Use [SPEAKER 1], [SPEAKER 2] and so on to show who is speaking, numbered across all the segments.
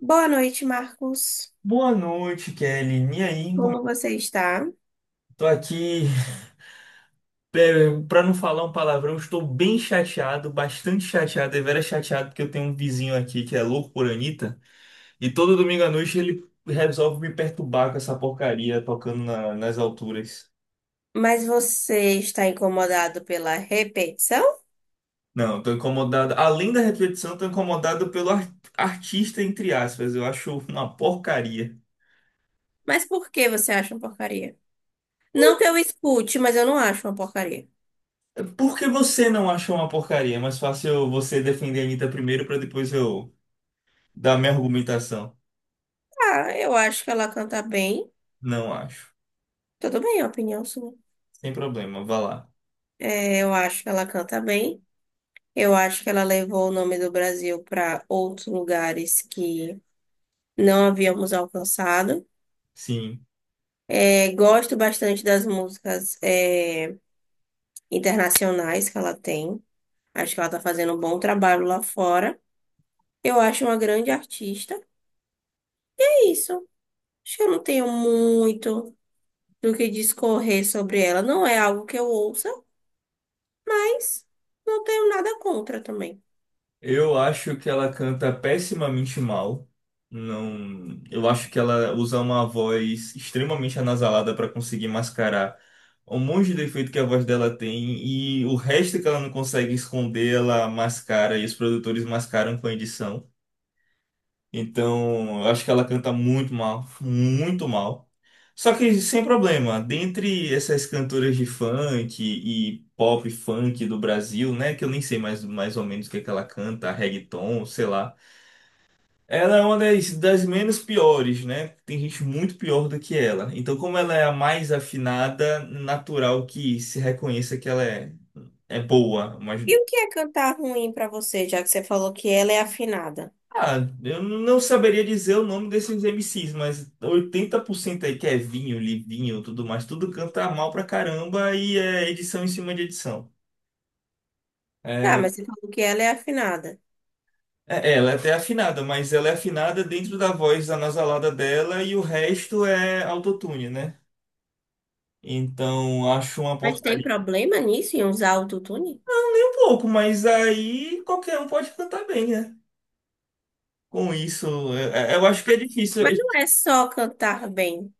[SPEAKER 1] Boa noite, Marcos.
[SPEAKER 2] Boa noite, Kelly. E aí,
[SPEAKER 1] Como você está?
[SPEAKER 2] tô aqui, pra não falar um palavrão, estou bem chateado, bastante chateado, deveras chateado, porque eu tenho um vizinho aqui que é louco por Anitta, e todo domingo à noite ele resolve me perturbar com essa porcaria tocando nas alturas.
[SPEAKER 1] Mas você está incomodado pela repetição?
[SPEAKER 2] Não, tô incomodado. Além da repetição, tô incomodado pelo artista, entre aspas. Eu acho uma porcaria.
[SPEAKER 1] Mas por que você acha uma porcaria? Não que eu escute, mas eu não acho uma porcaria.
[SPEAKER 2] Por que você não achou uma porcaria? É mais fácil você defender a Anitta primeiro pra depois eu dar minha argumentação.
[SPEAKER 1] Ah, eu acho que ela canta bem.
[SPEAKER 2] Não acho.
[SPEAKER 1] Tudo bem, é a opinião sua.
[SPEAKER 2] Sem problema, vá lá.
[SPEAKER 1] É, eu acho que ela canta bem. Eu acho que ela levou o nome do Brasil para outros lugares que não havíamos alcançado.
[SPEAKER 2] Sim.
[SPEAKER 1] É, gosto bastante das músicas, é, internacionais que ela tem. Acho que ela tá fazendo um bom trabalho lá fora. Eu acho uma grande artista. É isso. Acho que eu não tenho muito do que discorrer sobre ela. Não é algo que eu ouça, mas não tenho nada contra também.
[SPEAKER 2] Eu acho que ela canta pessimamente mal. Não, eu acho que ela usa uma voz extremamente anasalada para conseguir mascarar um monte de defeito que a voz dela tem e o resto que ela não consegue esconder, ela mascara e os produtores mascaram com a edição. Então, eu acho que ela canta muito mal, muito mal. Só que sem problema, dentre essas cantoras de funk e pop funk do Brasil, né, que eu nem sei mais, mais ou menos o que é que ela canta, reggaeton, sei lá. Ela é uma das menos piores, né? Tem gente muito pior do que ela. Então, como ela é a mais afinada, natural que se reconheça que é boa, mas
[SPEAKER 1] E o que é cantar ruim pra você, já que você falou que ela é afinada?
[SPEAKER 2] ah, eu não saberia dizer o nome desses M MCs, mas 80% aí que é vinho, livinho, tudo mais, tudo canta mal pra caramba e é edição em cima de edição.
[SPEAKER 1] Tá,
[SPEAKER 2] É,
[SPEAKER 1] mas você falou que ela é afinada.
[SPEAKER 2] ela é até afinada, mas ela é afinada dentro da voz anasalada dela e o resto é autotune, né? Então acho uma
[SPEAKER 1] Mas tem
[SPEAKER 2] porcaria.
[SPEAKER 1] problema nisso em usar autotune?
[SPEAKER 2] Não, nem um pouco, mas aí qualquer um pode cantar bem, né? Com isso, eu acho que é difícil.
[SPEAKER 1] Mas não é só cantar bem,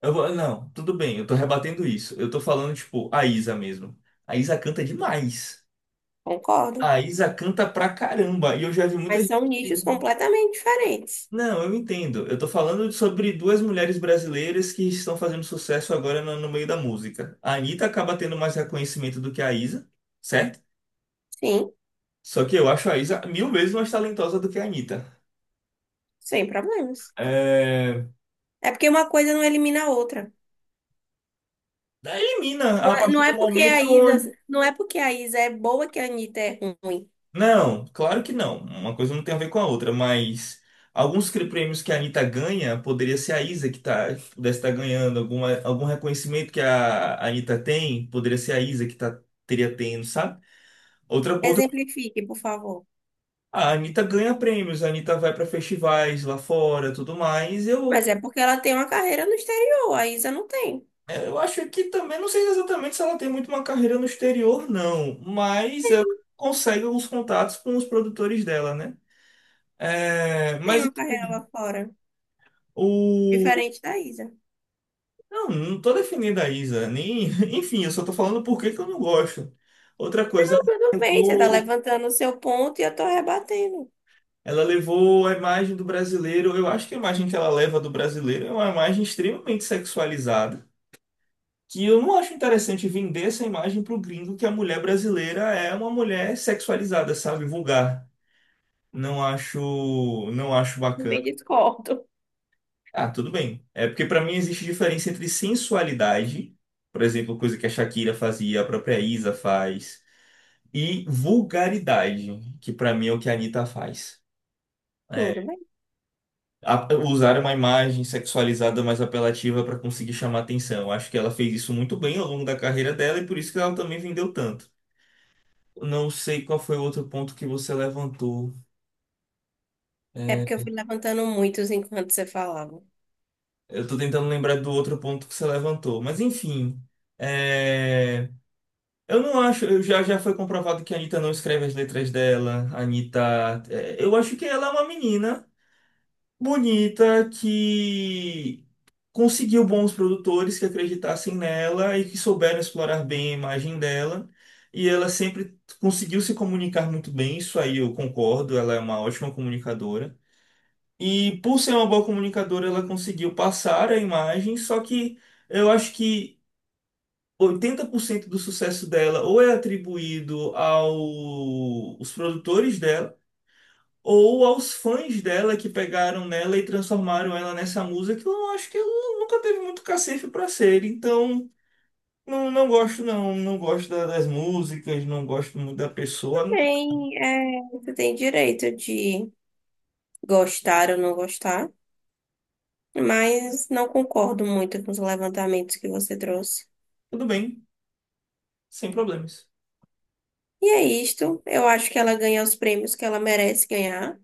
[SPEAKER 2] Não, tudo bem, eu tô rebatendo isso. Eu tô falando, tipo, a Isa mesmo. A Isa canta demais.
[SPEAKER 1] concordo.
[SPEAKER 2] A Isa canta pra caramba. E eu já vi muita
[SPEAKER 1] Mas
[SPEAKER 2] gente.
[SPEAKER 1] são nichos completamente diferentes.
[SPEAKER 2] Não, eu entendo. Eu tô falando sobre duas mulheres brasileiras que estão fazendo sucesso agora no meio da música. A Anitta acaba tendo mais reconhecimento do que a Isa, certo?
[SPEAKER 1] Sim,
[SPEAKER 2] Só que eu acho a Isa 1000 vezes mais talentosa do que a Anitta.
[SPEAKER 1] sem problemas.
[SPEAKER 2] É...
[SPEAKER 1] É porque uma coisa não elimina a outra.
[SPEAKER 2] Elimina
[SPEAKER 1] Não
[SPEAKER 2] a
[SPEAKER 1] é,
[SPEAKER 2] partir
[SPEAKER 1] não
[SPEAKER 2] do
[SPEAKER 1] é porque a Isa,
[SPEAKER 2] momento.
[SPEAKER 1] não é porque a Isa é boa que a Anitta é ruim.
[SPEAKER 2] Não, claro que não. Uma coisa não tem a ver com a outra, mas alguns prêmios que a Anitta ganha, poderia ser a Isa que tá, que pudesse estar ganhando, alguma, algum reconhecimento que a Anitta tem, poderia ser a Isa que tá, teria tendo, sabe? Outra, outra,
[SPEAKER 1] Exemplifique, por favor.
[SPEAKER 2] a Anitta ganha prêmios, a Anitta vai para festivais lá fora, tudo mais.
[SPEAKER 1] Mas é porque ela tem uma carreira no exterior, a Isa não tem.
[SPEAKER 2] Eu acho que também, não sei exatamente se ela tem muito uma carreira no exterior, não, mas ela
[SPEAKER 1] Tem
[SPEAKER 2] consegue alguns contatos com os produtores dela, né? É, mas
[SPEAKER 1] uma carreira
[SPEAKER 2] enfim,
[SPEAKER 1] lá fora,
[SPEAKER 2] o
[SPEAKER 1] diferente da Isa. Então,
[SPEAKER 2] não, não tô defendendo a Isa, nem... Enfim, eu só tô falando por que que eu não gosto. Outra coisa,
[SPEAKER 1] tudo
[SPEAKER 2] ela
[SPEAKER 1] bem, você tá
[SPEAKER 2] levou,
[SPEAKER 1] levantando o seu ponto e eu tô rebatendo.
[SPEAKER 2] ela levou a imagem do brasileiro, eu acho que a imagem que ela leva do brasileiro é uma imagem extremamente sexualizada, que eu não acho interessante vender essa imagem pro gringo que a mulher brasileira é uma mulher sexualizada, sabe, vulgar. Não acho, não acho
[SPEAKER 1] Não
[SPEAKER 2] bacana.
[SPEAKER 1] me discordo.
[SPEAKER 2] Ah, tudo bem. É porque pra mim existe diferença entre sensualidade, por exemplo, coisa que a Shakira fazia, a própria Isa faz e vulgaridade, que pra mim é o que a Anitta faz. É,
[SPEAKER 1] Tudo bem.
[SPEAKER 2] usar uma imagem sexualizada mais apelativa pra conseguir chamar atenção. Acho que ela fez isso muito bem ao longo da carreira dela e por isso que ela também vendeu tanto. Não sei qual foi o outro ponto que você levantou.
[SPEAKER 1] É porque eu
[SPEAKER 2] É,
[SPEAKER 1] fui levantando muitos enquanto você falava.
[SPEAKER 2] eu tô tentando lembrar do outro ponto que você levantou, mas enfim. é, eu não acho, já foi comprovado que a Anitta não escreve as letras dela. Eu acho que ela é uma menina bonita que conseguiu bons produtores que acreditassem nela e que souberam explorar bem a imagem dela. E ela sempre conseguiu se comunicar muito bem, isso aí eu concordo, ela é uma ótima comunicadora. E por ser uma boa comunicadora, ela conseguiu passar a imagem, só que eu acho que 80% do sucesso dela ou é atribuído aos produtores dela, ou aos fãs dela que pegaram nela e transformaram ela nessa musa que eu acho que ela nunca teve muito cacife para ser. Então, não, não gosto não, não gosto das músicas, não gosto muito da
[SPEAKER 1] Tudo
[SPEAKER 2] pessoa.
[SPEAKER 1] bem, é, você tem direito de gostar ou não gostar, mas não concordo muito com os levantamentos que você trouxe.
[SPEAKER 2] Tudo bem, sem problemas.
[SPEAKER 1] E é isto. Eu acho que ela ganha os prêmios que ela merece ganhar,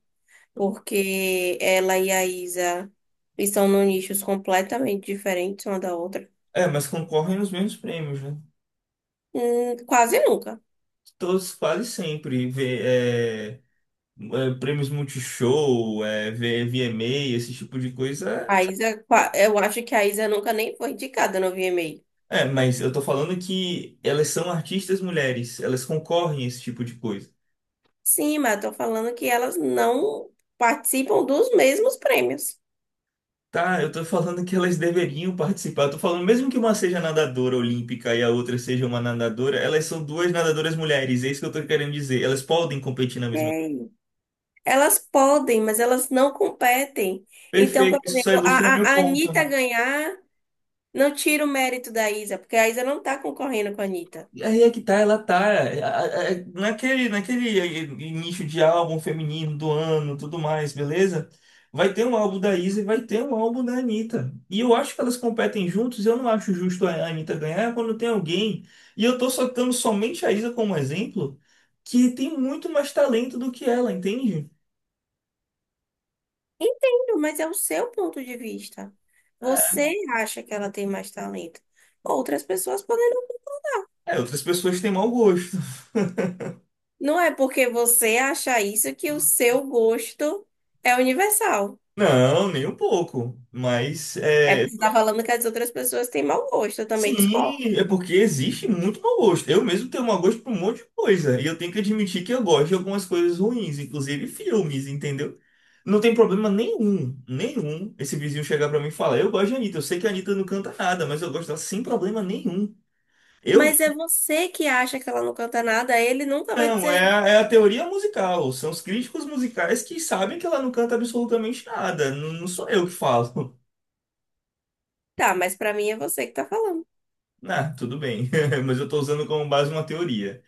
[SPEAKER 1] porque ela e a Isa estão num nichos completamente diferentes uma da outra.
[SPEAKER 2] É, mas concorrem nos mesmos prêmios, né?
[SPEAKER 1] Quase nunca.
[SPEAKER 2] Todos quase sempre vê, é, é, prêmios Multishow, é, vê VMA, esse tipo de coisa.
[SPEAKER 1] A Isa, eu acho que a Isa nunca nem foi indicada no VMA.
[SPEAKER 2] É, mas eu tô falando que elas são artistas mulheres, elas concorrem a esse tipo de coisa.
[SPEAKER 1] Sim, mas eu tô falando que elas não participam dos mesmos prêmios.
[SPEAKER 2] Tá, eu tô falando que elas deveriam participar. Eu tô falando, mesmo que uma seja nadadora olímpica e a outra seja uma nadadora, elas são duas nadadoras mulheres, é isso que eu tô querendo dizer. Elas podem competir na mesma.
[SPEAKER 1] É. Elas podem, mas elas não competem. Então, por
[SPEAKER 2] Perfeito, isso só
[SPEAKER 1] exemplo,
[SPEAKER 2] ilustra o
[SPEAKER 1] a,
[SPEAKER 2] meu
[SPEAKER 1] a, a
[SPEAKER 2] ponto.
[SPEAKER 1] Anitta ganhar não tira o mérito da Isa, porque a Isa não está concorrendo com a Anitta.
[SPEAKER 2] Aí é que tá, ela tá é, a- naquele, naquele nicho de álbum feminino do ano, tudo mais, beleza? Vai ter um álbum da Isa e vai ter um álbum da Anitta. E eu acho que elas competem juntos, eu não acho justo a Anitta ganhar quando tem alguém. E eu tô soltando somente a Isa como exemplo, que tem muito mais talento do que ela, entende?
[SPEAKER 1] Entendo, mas é o seu ponto de vista. Você acha que ela tem mais talento. Outras pessoas podem não.
[SPEAKER 2] É, outras pessoas têm mau gosto.
[SPEAKER 1] Não é porque você acha isso que o seu gosto é universal.
[SPEAKER 2] Não, nem um pouco.
[SPEAKER 1] É porque você está falando que as outras pessoas têm mau gosto, eu também discordo.
[SPEAKER 2] Sim, é porque existe muito mau gosto. Eu mesmo tenho mau gosto por um monte de coisa. E eu tenho que admitir que eu gosto de algumas coisas ruins, inclusive filmes, entendeu? Não tem problema nenhum, nenhum, esse vizinho chegar pra mim e falar: eu gosto de Anitta, eu sei que a Anitta não canta nada, mas eu gosto dela sem problema nenhum. Eu
[SPEAKER 1] Mas é você que acha que ela não canta nada, ele nunca vai
[SPEAKER 2] não,
[SPEAKER 1] dizer.
[SPEAKER 2] é a teoria musical. São os críticos musicais que sabem que ela não canta absolutamente nada. Não, não sou eu que falo.
[SPEAKER 1] Tá, mas pra mim é você que tá falando.
[SPEAKER 2] Ah, tudo bem, mas eu tô usando como base uma teoria.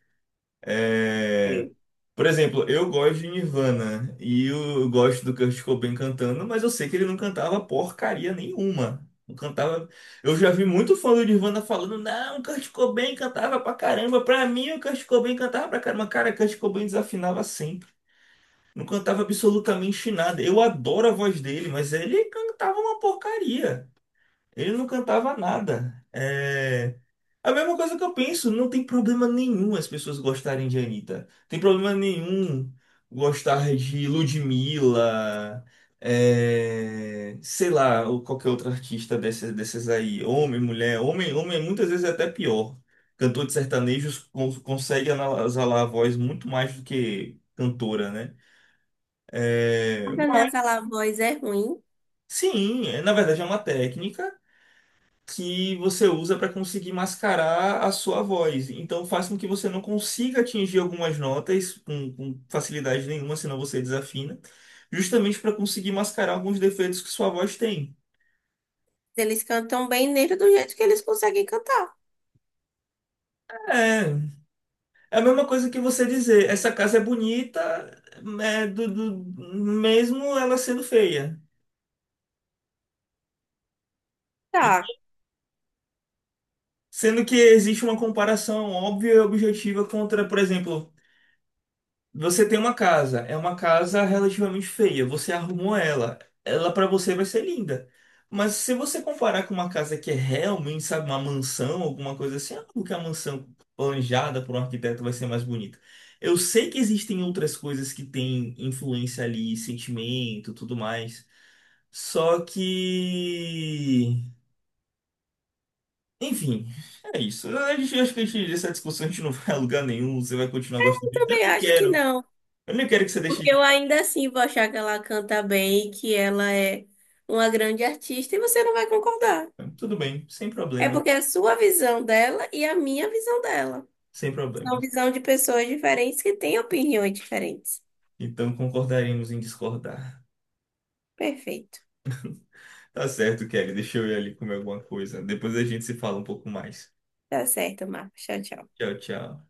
[SPEAKER 2] É.
[SPEAKER 1] É.
[SPEAKER 2] Por exemplo, eu gosto de Nirvana e eu gosto do Kurt Cobain cantando, mas eu sei que ele não cantava porcaria nenhuma. Não cantava. Eu já vi muito fã do Nirvana falando, não, o Kurt Cobain cantava pra caramba. Pra mim, o Kurt Cobain cantava pra caramba. Cara, o Kurt Cobain desafinava sempre. Não cantava absolutamente nada. Eu adoro a voz dele, mas ele cantava uma porcaria. Ele não cantava nada. É a mesma coisa que eu penso, não tem problema nenhum as pessoas gostarem de Anitta. Tem problema nenhum gostar de Ludmilla, é, sei lá, ou qualquer outro artista desses aí. Homem, mulher, homem, homem é muitas vezes é até pior. Cantor de sertanejos consegue exalar a voz muito mais do que cantora, né? É,
[SPEAKER 1] Cada
[SPEAKER 2] Mas
[SPEAKER 1] naquela voz é ruim.
[SPEAKER 2] sim, na verdade é uma técnica que você usa para conseguir mascarar a sua voz. Então faz com que você não consiga atingir algumas notas com facilidade nenhuma, senão você desafina, justamente para conseguir mascarar alguns defeitos que sua voz tem.
[SPEAKER 1] Eles cantam bem nele do jeito que eles conseguem cantar.
[SPEAKER 2] É, é a mesma coisa que você dizer, essa casa é bonita, é, do, do- mesmo ela sendo feia.
[SPEAKER 1] Tá,
[SPEAKER 2] Sendo que existe uma comparação óbvia e objetiva contra, por exemplo, você tem uma casa, é uma casa relativamente feia. Você arrumou ela, ela pra você vai ser linda. Mas se você comparar com uma casa que é realmente, sabe, uma mansão, alguma coisa assim, é porque a mansão planejada por um arquiteto vai ser mais bonita. Eu sei que existem outras coisas que têm influência ali, sentimento, tudo mais. Só que, enfim, é isso. A gente acho que a gente, essa discussão a gente não vai a lugar nenhum. Você vai continuar gostando.
[SPEAKER 1] eu
[SPEAKER 2] de- Eu
[SPEAKER 1] também
[SPEAKER 2] nem
[SPEAKER 1] acho que
[SPEAKER 2] quero.
[SPEAKER 1] não.
[SPEAKER 2] Eu nem quero que você
[SPEAKER 1] Porque eu
[SPEAKER 2] deixe
[SPEAKER 1] ainda assim vou achar que ela canta bem, que ela é uma grande artista e você não vai concordar.
[SPEAKER 2] então, tudo bem,
[SPEAKER 1] É porque é a sua visão dela e a minha visão dela.
[SPEAKER 2] sem
[SPEAKER 1] São
[SPEAKER 2] problemas.
[SPEAKER 1] visão de pessoas diferentes que têm opiniões diferentes.
[SPEAKER 2] Então concordaremos em discordar.
[SPEAKER 1] Perfeito.
[SPEAKER 2] Tá certo, Kelly, deixa eu ir ali comer alguma coisa. Depois a gente se fala um pouco mais.
[SPEAKER 1] Tá certo, Marcos. Tchau, tchau.
[SPEAKER 2] Tchau, tchau.